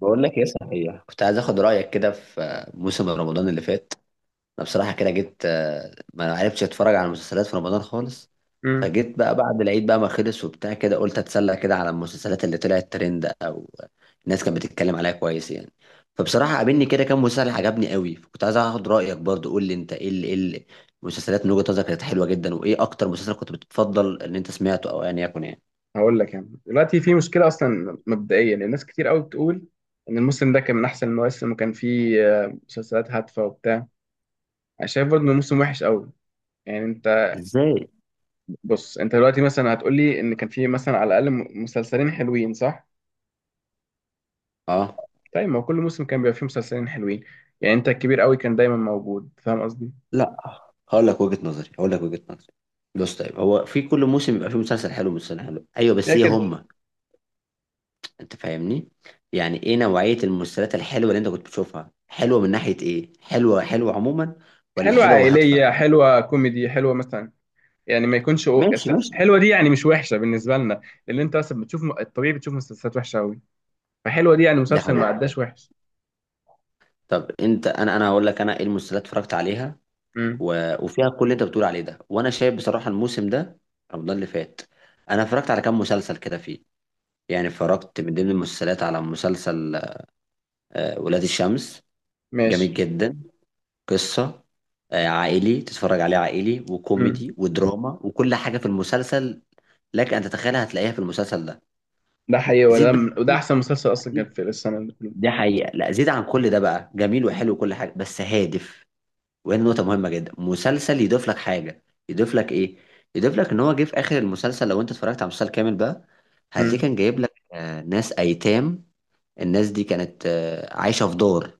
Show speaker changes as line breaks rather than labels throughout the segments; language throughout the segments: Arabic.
بقول لك ايه، صحيح كنت عايز اخد رايك كده في موسم رمضان اللي فات. انا بصراحه كده جيت، ما عرفتش اتفرج على المسلسلات في رمضان خالص.
امم
فجيت بقى بعد العيد بقى ما خلص وبتاع كده، قلت اتسلى كده على المسلسلات اللي طلعت ترند او الناس كانت بتتكلم عليها كويس يعني. فبصراحه قابلني كده كام مسلسل عجبني قوي، فكنت عايز اخد رايك برضو. قول لي انت المسلسلات من وجهه نظرك كانت حلوه جدا، وايه اكتر مسلسل كنت بتفضل ان انت سمعته او ان يكن يعني؟
هقول لك يعني دلوقتي في مشكله. اصلا مبدئيا الناس كتير قوي بتقول ان الموسم ده كان من احسن المواسم، وكان فيه مسلسلات هادفه وبتاع. انا شايف برضه انه موسم وحش قوي. يعني انت
ازاي؟
بص، انت دلوقتي مثلا هتقول لي ان كان فيه مثلا على الاقل مسلسلين حلوين، صح؟
اه،
طيب ما هو كل موسم كان بيبقى فيه مسلسلين حلوين. يعني انت الكبير قوي كان دايما موجود، فاهم قصدي؟
لا. هقول لك وجهة نظري. بص، طيب هو في كل موسم بيبقى فيه مسلسل حلو ومسلسل حلو، ايوه، بس ايه
لكن
هما؟ انت فاهمني؟ يعني ايه نوعية المسلسلات الحلوة اللي انت كنت بتشوفها؟ حلوة من ناحية ايه؟ حلوة حلوة عموما ولا
حلوه
حلوة وهادفة؟
عائليه، حلوه كوميدي، حلوه مثلا. يعني ما يكونش
ماشي، ماشي.
حلوه دي يعني مش وحشه بالنسبه لنا. لان انت مثلا بتشوف الطبيعي، بتشوف مسلسلات وحشه قوي، فحلوه دي يعني
ده
مسلسل ما
حقيقي.
عداش وحش.
طب انت، انا هقول لك انا ايه المسلسلات اتفرجت عليها
امم.
وفيها كل اللي انت بتقول عليه ده، وانا شايف بصراحة الموسم ده، رمضان اللي فات، انا اتفرجت على كام مسلسل كده فيه. يعني اتفرجت من ضمن المسلسلات على مسلسل ولاد الشمس.
ماشي.
جميل جدا. قصة عائلي، تتفرج عليه عائلي
امم.
وكوميدي ودراما، وكل حاجة في المسلسل لك أن تتخيلها هتلاقيها في المسلسل ده.
ده حقيقي،
زيد بقى،
وده احسن مسلسل اصلا كان في السنه اللي كلها.
دي حقيقة، لا زيد عن كل ده بقى، جميل وحلو وكل حاجة، بس هادف. وهي نقطة مهمة جدا، مسلسل يضيف لك حاجة. يضيف لك إيه؟ يضيف لك إن هو جه في آخر المسلسل، لو أنت اتفرجت على المسلسل كامل بقى، هتلاقيه
امم.
كان جايب لك ناس أيتام. الناس دي كانت عايشة في دار،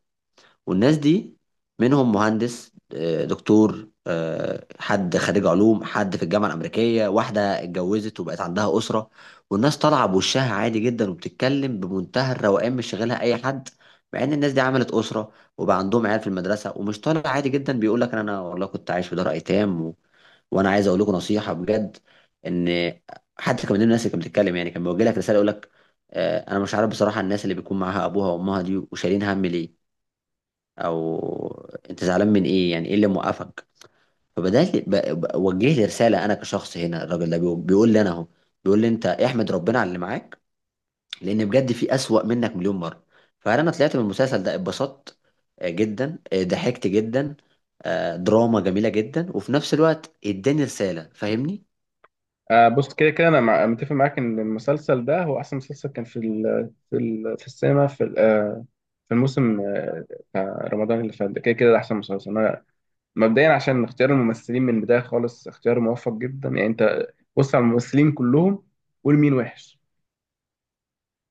والناس دي منهم مهندس، دكتور، حد خريج علوم، حد في الجامعة الأمريكية، واحدة اتجوزت وبقت عندها أسرة، والناس طالعة بوشها عادي جدا، وبتتكلم بمنتهى الروقان، مش شاغلها أي حد، مع إن الناس دي عملت أسرة، وبقى عندهم عيال في المدرسة، ومش طالع عادي جدا بيقول لك أنا والله كنت عايش في دار أيتام، وأنا عايز أقول لكم نصيحة بجد، إن حتى كمان الناس اللي كانت بتتكلم، يعني كان بيوجه لك رسالة، يقول لك أنا مش عارف بصراحة، الناس اللي بيكون معاها أبوها وأمها دي وشايلين هم ليه، او انت زعلان من ايه، يعني ايه اللي موقفك. فبدات وجه لي رساله انا كشخص، هنا الراجل ده بيقول لي انا اهو، بيقول لي انت احمد ربنا على اللي معاك، لان بجد في اسوأ منك مليون مره. فانا طلعت من المسلسل ده اتبسطت جدا، ضحكت جدا، دراما جميله جدا، وفي نفس الوقت اداني رساله. فاهمني؟
آه، بص كده كده انا متفق معاك ان المسلسل ده هو احسن مسلسل كان في ال... في ال... في السينما في ال... آه في الموسم، بتاع رمضان اللي فات ده. كده كده ده احسن مسلسل. انا مبدئيا عشان اختيار الممثلين من البدايه خالص اختيار موفق جدا. يعني انت بص على الممثلين كلهم، قول مين وحش.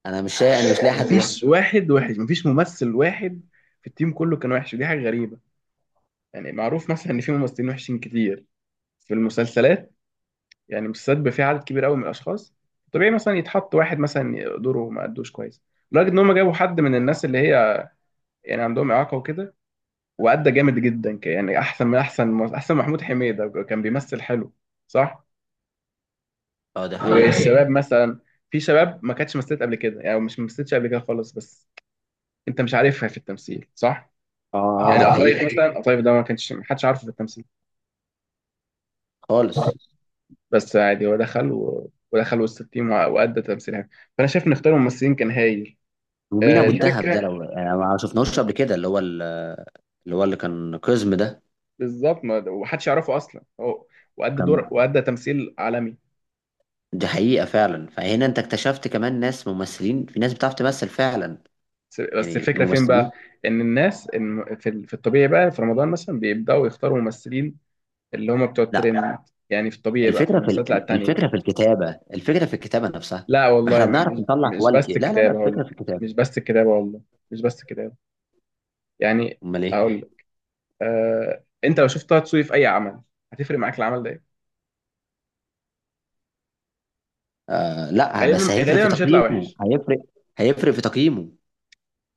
انا مش لاقي حد وحش.
مفيش واحد وحش، مفيش ممثل واحد في التيم كله كان وحش، ودي حاجه غريبه. يعني معروف مثلا ان في ممثلين وحشين كتير في المسلسلات. يعني المسلسلات بيبقى فيها عدد كبير قوي من الاشخاص، طبيعي مثلا يتحط واحد مثلا دوره ما ادوش كويس. لدرجه ان هم جابوا حد من الناس اللي هي يعني عندهم اعاقه وكده، وادى جامد جدا. يعني احسن من احسن. محمود حميده كان بيمثل حلو، صح؟
اه، ده حقيقه.
والشباب مثلا، في شباب ما كانتش مثلت قبل كده. يعني مش مثلتش قبل كده خالص، بس انت مش عارفها في التمثيل، صح؟
اه، اه،
يعني
دي
قطايف
حقيقه.
مثلا، قطايف ده ما كانش ما حدش عارفه في التمثيل.
خالص.
بس عادي، هو دخل ودخل وسط التيم، وأدى تمثيل حلو. فأنا شايف إن اختيار الممثلين كان هايل.
ومين ابو
مم.
الدهب ده،
الفكرة
لو ما شفناهوش قبل كده، اللي هو اللي كان قزم ده،
بالظبط، ما ومحدش يعرفه أصلا هو، وأدى
كان.
دور وأدى تمثيل عالمي.
دي حقيقة فعلا، فهنا انت اكتشفت كمان ناس ممثلين، في ناس بتعرف تمثل فعلا،
بس
يعني
الفكرة فين بقى؟
الممثلين.
إن الناس إن في ال- في الطبيعي بقى في رمضان مثلا بيبدأوا يختاروا ممثلين اللي هم بتوع
لا،
الترند. يعني في الطبيعي بقى في
الفكرة
المسلسلات، لا التانية.
الفكرة في الكتابة، الفكرة في الكتابة نفسها.
لا
ما
والله،
احنا
م-
بنعرف
مش
نطلع
مش
كواليتي.
بس
لا، لا، لا،
الكتابة. هقول
الفكرة في
لك،
الكتابة.
مش بس الكتابة والله. مش بس الكتابة يعني.
امال ايه؟
أقول لك، أنت لو شفت طه دسوقي في أي عمل، هتفرق معاك العمل ده إيه؟
آه، لا،
غالبا
بس هيفرق
غالبا
في
مش هيطلع
تقييمه،
وحش.
هيفرق. هيفرق في تقييمه.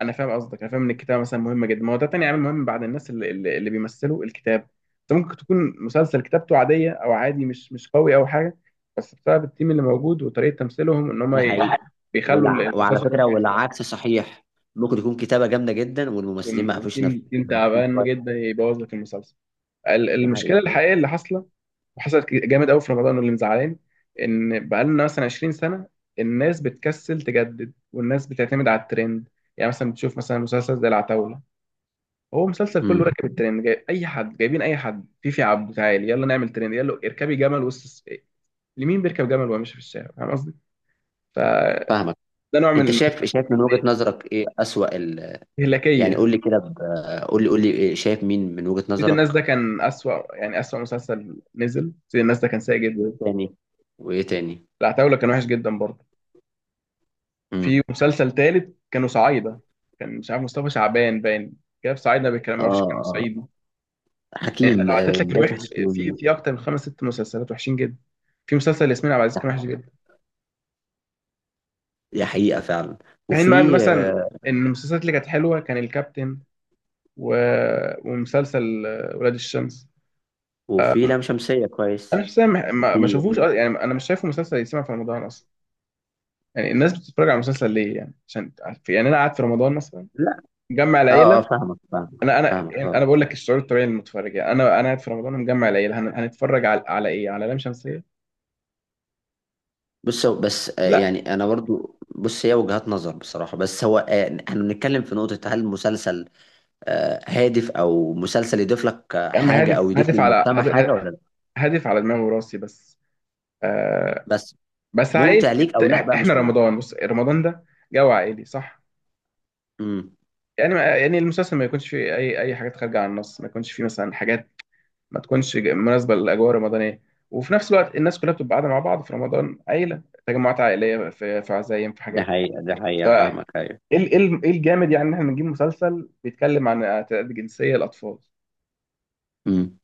انا فاهم قصدك، انا فاهم ان الكتابه مثلا مهمه جدا، ما هو ده تاني عامل مهم بعد الناس اللي بيمثلوا الكتاب. انت ممكن تكون مسلسل كتابته عاديه او عادي، مش قوي او حاجه، بس بسبب التيم اللي موجود وطريقه تمثيلهم ان هم
ده حقيقي.
بيخلوا
وعلى
المسلسل
فكرة،
ينفع يكسب.
والعكس صحيح. ممكن يكون كتابة جامدة جدا والممثلين
وم-
ما عرفوش ينفذوا
وتيم تيم
اللي مكتوب
تعبان
كويس.
جدا يبوظ لك المسلسل.
ده حقيقي.
المشكله الحقيقيه اللي حاصله وحصلت جامد قوي في رمضان واللي مزعلاني، ان بقالنا مثلا 20 سنه الناس بتكسل تجدد والناس بتعتمد على الترند. يعني مثلا بتشوف مثلا مسلسل زي العتاولة، هو مسلسل كله
امم.
راكب الترند، جايب اي حد، جايبين اي حد. فيفي عبده تعالي، يلا نعمل ترند، يلا اركبي جمل وسط الس- لمين بيركب جمل وهو ماشي في الشارع، فاهم قصدي؟ فده
فاهمك.
نوع
انت
من
شايف من وجهة نظرك ايه أسوأ؟ يعني
الاستهلاكيه.
قول لي كده، قول لي شايف مين من وجهة
سيد الناس
نظرك؟
ده كان اسوأ، يعني اسوأ مسلسل نزل. سيد الناس ده كان سيء
وايه
جدا.
تاني؟ وايه تاني؟
العتاوله كان وحش جدا برضه. في
امم.
مسلسل تالت كانوا صعايده، كان مش عارف مصطفى شعبان باين، جاب صعايده بيتكلم ما
اه،
اعرفش كانوا
آه.
صعيدي. يعني
حكيم،
لو عدت لك
باشا
الوحش في
حكيم.
في اكتر من خمس ست مسلسلات وحشين جدا. في مسلسل ياسمين عبد العزيز كان وحش.
دي حقيقة فعلا.
في حين بقى إن
وفي
مثلا ان المسلسلات اللي كانت حلوه كان الكابتن، و... ومسلسل ولاد الشمس.
وفي لام شمسية كويس.
انا شخصيا ما
وفي...
شافوش يعني انا مش شايفه مسلسل يتسمع في رمضان اصلا. يعني الناس بتتفرج على المسلسل ليه؟ يعني عشان، يعني انا قاعد في رمضان مثلا
لا.
مجمع
اه، اه،
العيله.
فاهمك، فاهمك،
انا انا
فاهمك،
يعني انا
اه.
بقول لك الشعور الطبيعي للمتفرج. يعني انا قاعد في رمضان مجمع العيله، هنتفرج على ايه؟ على لام شمسيه؟
بس،
لا.
يعني انا برضو، بص هي وجهات نظر بصراحة، بس هو احنا بنتكلم في نقطة، هل المسلسل هادف او مسلسل يضيف لك
يا عم،
حاجة او يضيف للمجتمع حاجة ولا لا؟
هادف على دماغي وراسي بس. آه
بس
بس عائلي.
ممتع ليك او لا بقى
احنا
مش مهم.
رمضان، بص رمضان ده جو عائلي، صح؟
امم.
يعني ما يعني المسلسل ما يكونش فيه اي حاجات خارجه عن النص، ما يكونش فيه مثلا حاجات ما تكونش مناسبه للاجواء الرمضانيه. وفي نفس الوقت الناس كلها بتبقى قاعده مع بعض في رمضان، عيله، تجمعات عائليه، في عزايم، في
ده
حاجات.
حقيقة، ده
ف
حقيقة،
ايه
فاهمك، أيوة.
إيه الجامد؟ يعني ان احنا نجيب مسلسل بيتكلم عن اعتداءات جنسيه الاطفال؟
امم.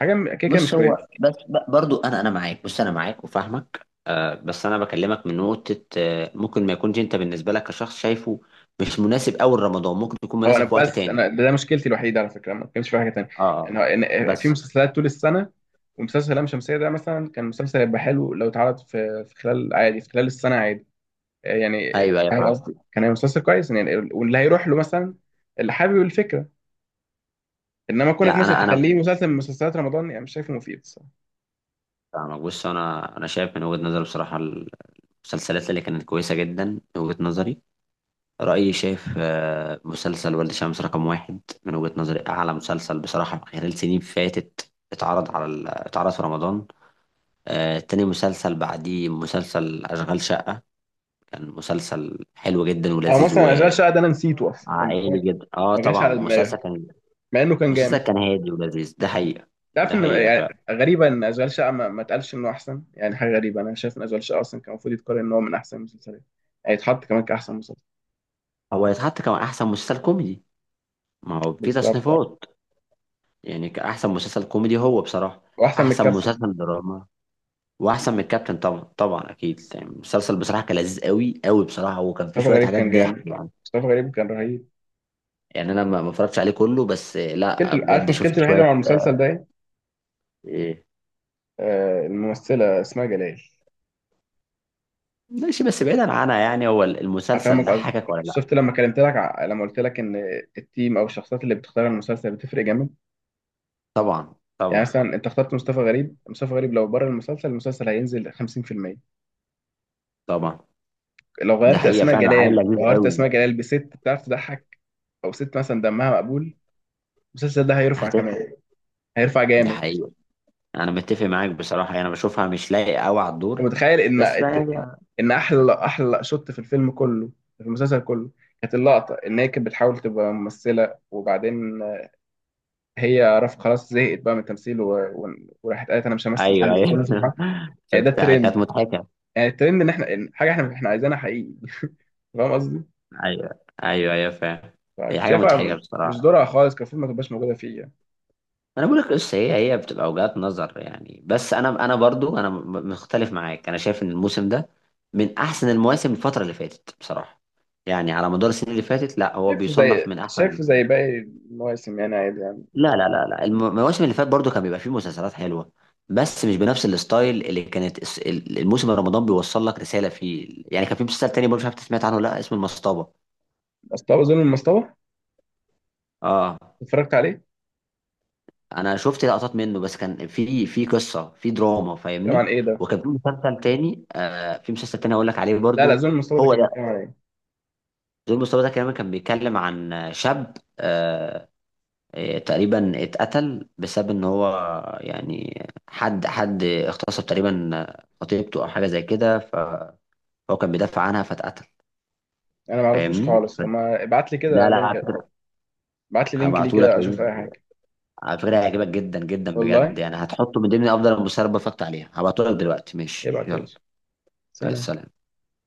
كده كده مش
بص هو،
كويسه.
بس برضو انا معاك، بص انا معاك وفاهمك. آه، بس انا بكلمك من نقطة آه، ممكن ما يكونش انت بالنسبة لك كشخص شايفه مش مناسب اول رمضان، ممكن يكون
هو انا
مناسب في وقت
بس
تاني.
انا ده مشكلتي الوحيده على فكره، ما كانش في حاجه تانيه.
اه،
يعني
آه.
هو في
بس.
مسلسلات طول السنه، ومسلسل لام شمسيه ده مثلا كان مسلسل هيبقى حلو لو اتعرض في خلال عادي، في خلال السنه عادي. يعني
أيوة، أيوة،
فاهم
فاهم.
قصدي؟ كان هيبقى مسلسل كويس، يعني واللي هيروح له مثلا، اللي حابب الفكره. انما كونك
لا،
مثلا
انا
تخليه مسلسل من مسلسلات رمضان، يعني مش شايفه مفيد الصراحه.
فاهمك. بص انا شايف من وجهة نظري بصراحة، المسلسلات اللي كانت كويسة جدا، من وجهة نظري، رأيي شايف مسلسل ولد شمس رقم واحد من وجهة نظري، أعلى مسلسل بصراحة خلال سنين فاتت اتعرض اتعرض في رمضان. تاني مسلسل بعديه مسلسل أشغال شقة، كان مسلسل حلو جدا
او
ولذيذ،
مثلا اشغال شقه ده انا نسيته اصلا، يعني
وعائلي
فاهم؟
جدا. اه،
ما جاش
طبعا
على
مسلسل
دماغي
كان،
مع انه كان
مسلسل
جامد.
كان هادي ولذيذ. ده حقيقة.
تعرف
ده
ان
حقيقة
يعني
فعلا.
غريبه ان اشغال شقه ما اتقالش انه احسن. يعني حاجه غريبه، انا شايف ان اشغال شقه اصلا كان المفروض يتقال ان هو من احسن المسلسلات. يعني يتحط كمان كاحسن مسلسل.
هو يتحط كمان أحسن مسلسل كوميدي، ما هو في
بالظبط. آه.
تصنيفات، يعني كأحسن مسلسل كوميدي هو بصراحة.
واحسن من
أحسن
الكابتن.
مسلسل دراما. واحسن من الكابتن، طبعا، طبعا، اكيد. يعني المسلسل بصراحه كان لذيذ قوي قوي بصراحه، وكان فيه
مصطفى
شويه
غريب
حاجات
كان
ضحك
جامد.
يعني.
مصطفى غريب كان رهيب.
يعني انا ما اتفرجتش عليه كله، بس لا،
مشكلتي، عارف
بجد شفت
مشكلتي الوحيده
شويه.
مع المسلسل ده إيه؟
آه،
آه، الممثلة اسمها جلال.
ماشي، بس بعيدا عنها يعني، هو المسلسل
هفهمك قصدي.
ضحكك ولا لا؟
شفت لما كلمت لك لما قلت لك ان التيم او الشخصيات اللي بتختار المسلسل بتفرق جامد.
طبعا،
يعني
طبعا،
مثلا انت اخترت مصطفى غريب. مصطفى غريب لو بره المسلسل، المسلسل هينزل 50%.
طبعا.
لو
ده
غيرت
حقيقه
اسماء
فعلا، عيل
جلال،
لذيذ
لو غيرت
قوي.
اسماء جلال بست بتعرف تضحك، او ست مثلا دمها مقبول، المسلسل ده هيرفع
هتفهم.
كمان، هيرفع
ده
جامد.
حقيقه. انا متفق معاك بصراحه، يعني انا بشوفها مش لايقه قوي على
انت
الدور.
متخيل
بس بقى هي.
ان احلى شوت في المسلسل كله، كانت اللقطة إن هي كانت بتحاول تبقى ممثلة، وبعدين هي رف خلاص زهقت بقى من التمثيل وراحت قالت انا مش همثل
ايوه،
تاني في
ايوه،
كل سبحان. يعني ده
شفتها
الترند.
كانت مضحكه.
يعني الترند ان احنا إن حاجه احنا عايزينها حقيقي. فاهم قصدي؟
ايوه، ايوه، ايوه، فعلا. هي
فكنت
حاجه مضحكه
شايفها مش
بصراحه.
دورها خالص، كان المفروض ما تبقاش موجوده فيه يعني.
انا بقول لك، بس هي بتبقى وجهات نظر يعني، بس انا برضو، انا مختلف معاك. انا شايف ان الموسم ده من احسن المواسم الفتره اللي فاتت بصراحه، يعني على مدار السنين اللي فاتت لا هو
شايفه
بيصنف
زي
من احسن.
شايفه زي باقي المواسم يعني، عادي يعني.
لا، لا، لا، لا، المواسم اللي فاتت برضو كان بيبقى فيه مسلسلات حلوه، بس مش بنفس الستايل اللي كانت الموسم رمضان بيوصل لك رساله فيه. يعني كان في مسلسل تاني برضو، مش عارف أنت سمعت عنه ولا لا، اسمه المصطبه.
مستوى ظلم المستوى.
اه.
اتفرجت عليه؟
انا شفت لقطات منه بس، كان في قصه في دراما،
بيتكلم عن
فاهمني.
ايه ده؟
وكان في مسلسل تاني، آه، في مسلسل تاني هقول لك عليه
لا لا،
برضو.
ظلم المستوى ده
هو
كان
ده،
بيتكلم عن ايه؟
دور مصطفى ده كمان كان بيتكلم عن شاب، تقريبا اتقتل بسبب ان هو، يعني حد اغتصب تقريبا خطيبته او حاجه زي كده، فهو كان بيدافع عنها فاتقتل.
انا ما اعرفوش
فاهمني؟
خالص. طب ما ابعت لي
لا،
كده
لا، على
لينك.
فكره
ابعت لي لينك ليه
هبعته لك.
كده، اشوف اي حاجه.
على فكره هيعجبك جدا جدا
والله.
بجد، يعني هتحطه من ضمن افضل المسلسلات اللي اتفرجت عليها. هبعته لك دلوقتي، ماشي،
ابعت يا
يلا.
باشا.
مع
سلام.
السلامة.